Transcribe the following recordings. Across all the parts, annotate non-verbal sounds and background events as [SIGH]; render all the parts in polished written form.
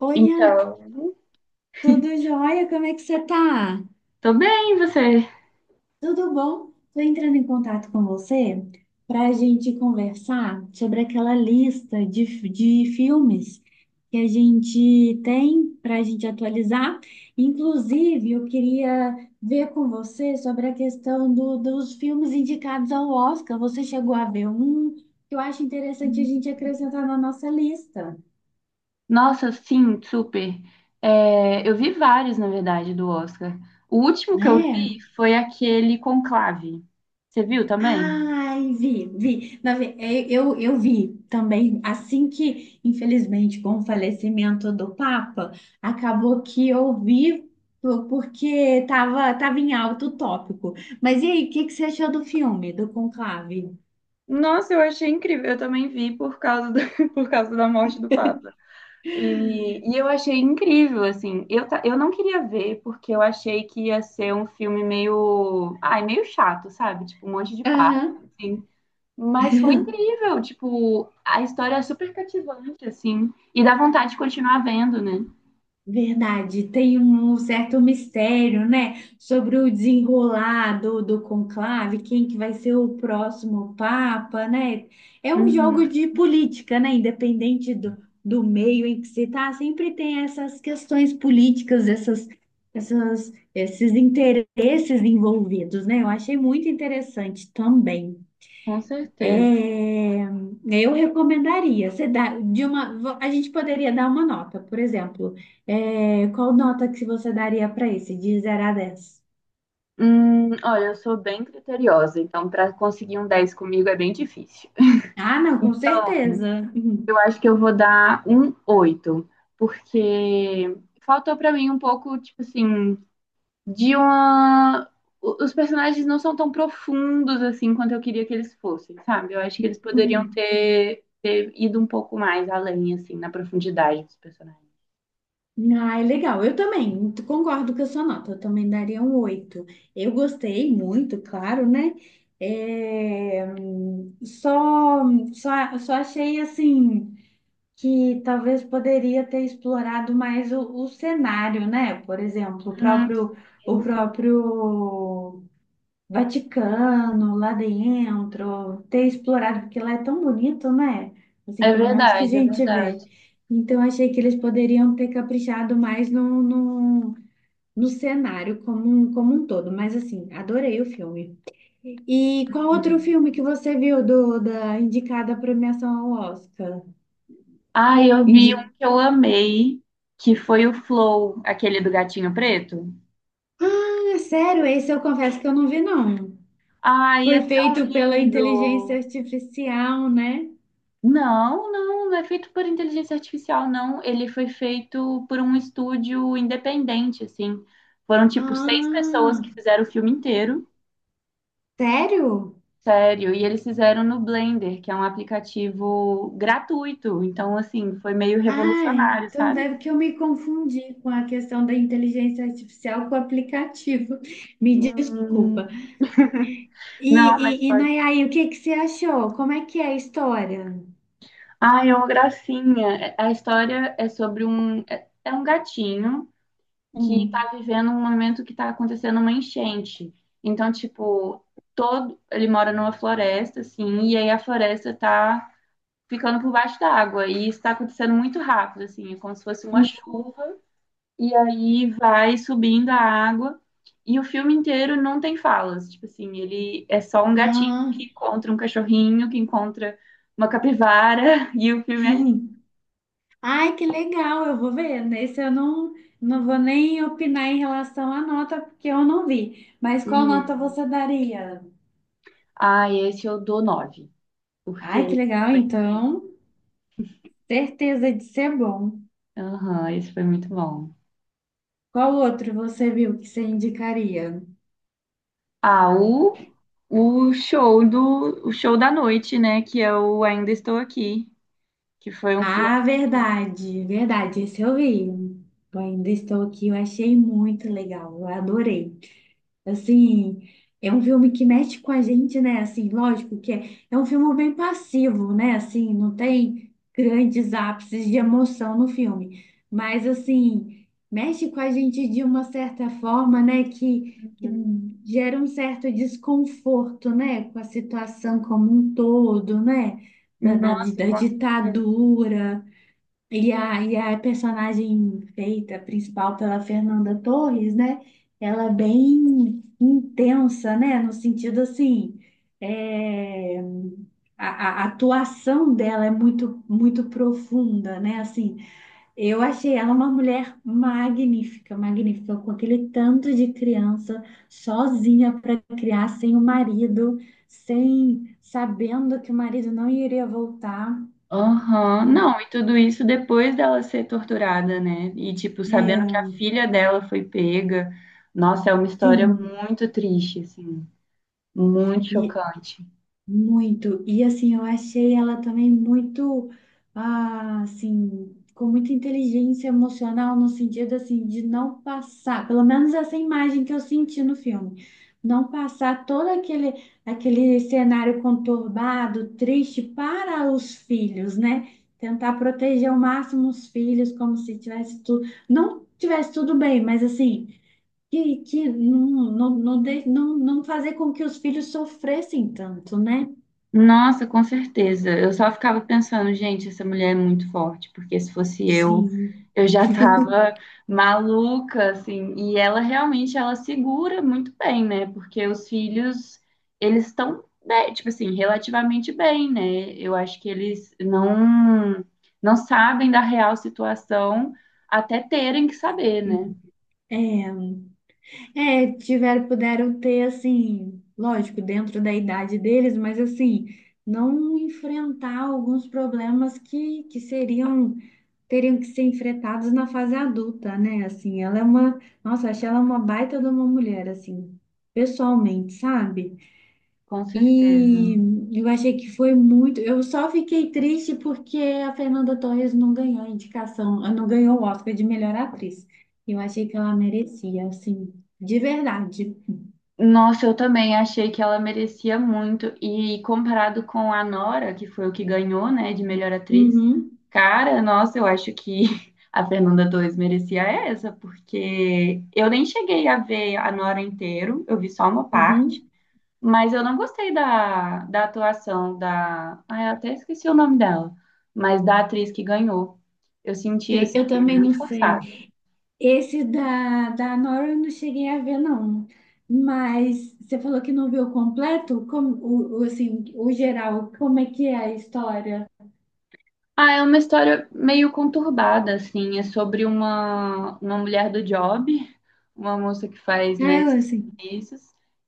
Oi, Ana, Então, tudo jóia? Como é que você tá? tô bem, e você? Tudo bom? Tô entrando em contato com você para a gente conversar sobre aquela lista de filmes que a gente tem para a gente atualizar. Inclusive, eu queria ver com você sobre a questão dos filmes indicados ao Oscar. Você chegou a ver um que eu acho interessante a gente acrescentar na nossa lista, Nossa, sim, super. É, eu vi vários, na verdade, do Oscar. O último que eu né? vi foi aquele Conclave. Você viu também? Ai, vi, vi. Eu vi também, assim que, infelizmente, com o falecimento do Papa, acabou que eu vi porque tava em alto o tópico. Mas e aí, o que, que você achou do filme, do Conclave? Nossa, eu achei incrível. Eu também vi por causa do- [LAUGHS] por causa da morte do Papa. E eu achei incrível, assim. Eu não queria ver porque eu achei que ia ser um filme meio. Ai, meio chato, sabe? Tipo, um monte de papo. Aham. Assim. Mas foi incrível, tipo, a história é super cativante, assim, e dá vontade de continuar vendo, né? Verdade, tem um certo mistério, né, sobre o desenrolar do conclave, quem que vai ser o próximo papa, né? É um jogo Uhum, de política, né? Independente do meio em que se está sempre tem essas questões políticas, esses interesses envolvidos, né? Eu achei muito interessante também. com certeza. É, eu recomendaria, você dá de uma, a gente poderia dar uma nota, por exemplo, qual nota que você daria para esse de zero a 10? Olha, eu sou bem criteriosa, então para conseguir um 10 comigo é bem difícil. [LAUGHS] Ah, não, com certeza. Uhum, Eu acho que eu vou dar um 8 porque faltou para mim um pouco, tipo assim, de uma. Os personagens não são tão profundos assim quanto eu queria que eles fossem, sabe? Eu acho que eles poderiam uhum. ter ido um pouco mais além, assim, na profundidade dos personagens. Ah, é legal. Eu também concordo com a sua nota, eu também daria um 8. Eu gostei muito, claro, né? É, só achei assim. Que talvez poderia ter explorado mais o cenário, né? Por exemplo, o Hum, próprio, o próprio Vaticano lá dentro, ter explorado, porque lá é tão bonito, né? Assim, é pelo menos que a verdade, é gente verdade. vê. Então, achei que eles poderiam ter caprichado mais no cenário como um todo. Mas, assim, adorei o filme. E qual outro filme que você viu da indicada à premiação ao Oscar? Ah, eu vi um que eu amei, que foi o Flow, aquele do gatinho preto. Ah, sério, esse eu confesso que eu não vi, não. Ai, Foi é tão feito pela inteligência lindo! artificial, né? Não, não, não é feito por inteligência artificial, não. Ele foi feito por um estúdio independente, assim. Foram, tipo, seis pessoas Ah, que fizeram o filme inteiro, sério? sério. E eles fizeram no Blender, que é um aplicativo gratuito. Então, assim, foi meio Ah, revolucionário, então sabe? deve que eu me confundi com a questão da inteligência artificial com o aplicativo. [LAUGHS] Me Hum, desculpa. E, não, e, mas e pode. Nayai, o que que você achou? Como é que é a história? Ai, é uma gracinha. A história é sobre um. É um gatinho. Que Hum, está vivendo um momento que está acontecendo uma enchente. Então, tipo, todo ele mora numa floresta, assim, e aí a floresta está ficando por baixo da água e está acontecendo muito rápido, assim, é como se fosse uma hum, chuva e aí vai subindo a água e o filme inteiro não tem falas, tipo assim, ele é só um gatinho ah, que encontra um cachorrinho, que encontra uma capivara [LAUGHS] e o filme é lindo. [LAUGHS] Ai, que legal, eu vou ver. Nesse eu não vou nem opinar em relação à nota, porque eu não vi. Mas qual nota Hum. você daria? Ah, esse eu dou nove, porque Ai, que esse legal, foi. então, certeza de ser bom. Aham, isso foi muito bom. Qual outro você viu que você indicaria? Ah, o show do, o show da noite, né? Que é o Ainda Estou Aqui, que foi um filme. Ah, verdade, verdade, esse eu vi. Eu ainda estou aqui, eu achei muito legal, eu adorei. Assim, é um filme que mexe com a gente, né? Assim, lógico que é um filme bem passivo, né? Assim, não tem grandes ápices de emoção no filme, mas assim, mexe com a gente de uma certa forma, né? Que gera um certo desconforto, né? Com a situação como um todo, né? Da, da, Nossa, da com certeza. ditadura. E a personagem feita principal pela Fernanda Torres, né? Ela é bem intensa, né? No sentido assim, é, a atuação dela é muito, muito profunda, né? Assim, eu achei ela uma mulher magnífica, magnífica, com aquele tanto de criança sozinha para criar, sem o marido, sem sabendo que o marido não iria voltar. Aham. Não, Não, e tudo isso depois dela ser torturada, né? E, tipo, sabendo que a é, filha dela foi pega. Nossa, é uma história sim. muito triste, assim, muito E chocante. muito. E assim, eu achei ela também muito, ah, assim, com muita inteligência emocional, no sentido assim, de não passar, pelo menos essa imagem que eu senti no filme, não passar todo aquele, cenário conturbado, triste para os filhos, né? Tentar proteger ao máximo os filhos, como se tivesse tudo, não tivesse tudo bem, mas assim que não fazer com que os filhos sofressem tanto, né? Nossa, com certeza. Eu só ficava pensando, gente, essa mulher é muito forte, porque se fosse Sim. eu já tava maluca, assim. E ela realmente, ela segura muito bem, né? Porque os filhos, eles estão, né, tipo assim, relativamente bem, né? Eu acho que eles não sabem da real situação até terem que saber, né? Sim. É, tiveram, puderam ter, assim, lógico, dentro da idade deles, mas assim, não enfrentar alguns problemas que seriam, teriam que ser enfrentados na fase adulta, né? Assim, ela é uma, nossa, achei ela uma baita de uma mulher, assim, pessoalmente, sabe? Com certeza. E eu achei que foi muito. Eu só fiquei triste porque a Fernanda Torres não ganhou a indicação, ah, não ganhou o Oscar de melhor atriz. Eu achei que ela merecia, assim, de verdade. Nossa, eu também achei que ela merecia muito. E comparado com a Nora, que foi o que ganhou, né, de melhor atriz, Uhum, cara, nossa, eu acho que [LAUGHS] a Fernanda 2 merecia essa, porque eu nem cheguei a ver a Nora inteiro, eu vi só uma parte, uhum. mas eu não gostei da atuação da. Ah, eu até esqueci o nome dela, mas da atriz que ganhou. Eu senti Sei, assim, eu também não muito forçada. sei. Esse da Nora eu não cheguei a ver, não. Mas você falou que não viu completo? Como, o, assim, o geral, como é que é a história? Ah, é uma história meio conturbada, assim. É sobre uma mulher do job, uma moça que faz, né, Ah, eu, esses assim, serviços,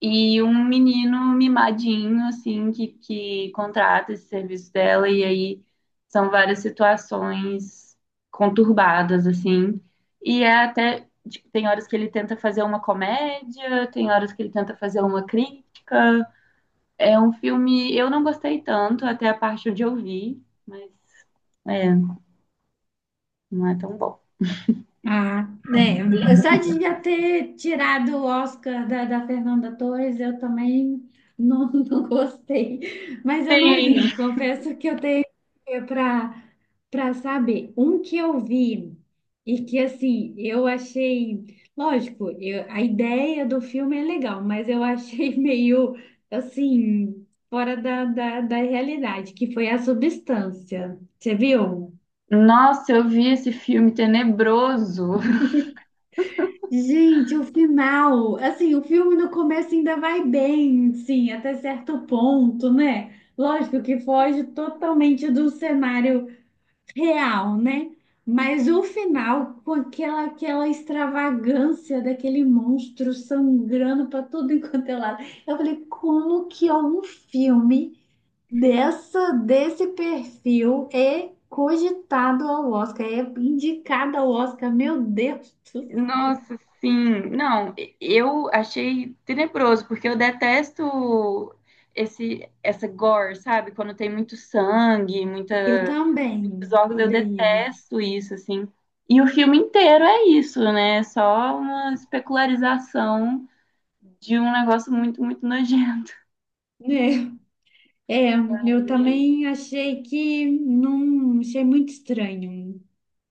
e um menino mimadinho, assim, que contrata esse serviço dela, e aí são várias situações conturbadas, assim. E é até, tipo, tem horas que ele tenta fazer uma comédia, tem horas que ele tenta fazer uma crítica. É um filme, eu não gostei tanto até a parte onde eu vi, mas. É. Não é tão bom. ah, né? Só de já ter tirado o Oscar da Fernanda Torres, eu também não, [LAUGHS] não gostei. Mas eu não vi, Sim. eu confesso que eu tenho para para saber. Um que eu vi e que, assim, eu achei. Lógico, a ideia do filme é legal, mas eu achei [LAUGHS] meio, assim, fora da realidade, que foi a substância. Você viu? Nossa, eu vi esse filme tenebroso. Gente, o final, assim, o filme no começo ainda vai bem, sim, até certo ponto, né? Lógico que foge totalmente do cenário real, né? Mas o final, com aquela, extravagância daquele monstro sangrando para tudo [LAUGHS] enquanto é lado, eu falei, como que é um filme desse perfil é cogitado ao Oscar, é indicado ao Oscar, meu Deus! Nossa, sim. Não, eu achei tenebroso, porque eu detesto essa gore, sabe? Quando tem muito sangue, muita, Eu muitos também órgãos, eu odeio. detesto isso, assim. E o filme inteiro é isso, né? É só uma especularização de um negócio muito, muito nojento. É, é, eu Aí, eles. também achei que não, achei muito estranho.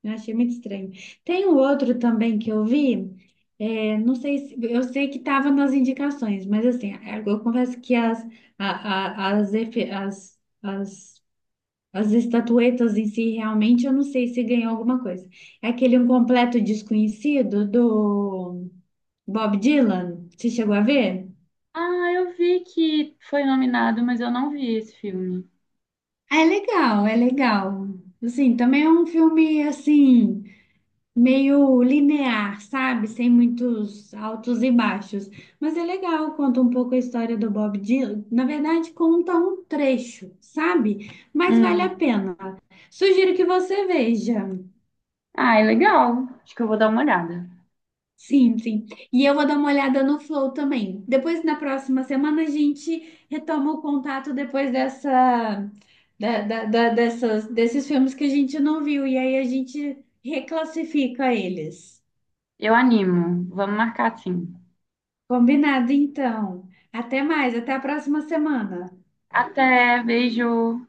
Eu achei muito estranho. Tem um outro também que eu vi, não sei se, eu sei que estava nas indicações, mas assim, eu confesso que as, a- as, efe- as estatuetas em si, realmente, eu não sei se ganhou alguma coisa. É aquele Um Completo Desconhecido do Bob Dylan, você chegou a ver? Ah, eu vi que foi nominado, mas eu não vi esse filme. É legal, é legal. Assim, também é um filme assim meio linear, sabe? Sem muitos altos e baixos, mas é legal, conta um pouco a história do Bob Dylan. Na verdade, conta um trecho, sabe? Mas vale a Hum. pena. Sugiro que você veja. Ah, é legal. Acho que eu vou dar uma olhada. Sim, sim. E eu vou dar uma olhada no Flow também. Depois, na próxima semana, a gente retoma o contato depois dessa, da, da- da- dessas, desses filmes que a gente não viu. E aí a gente reclassifica eles. Eu animo. Vamos marcar sim. Combinado, então. Até mais, até a próxima semana. Até, beijo.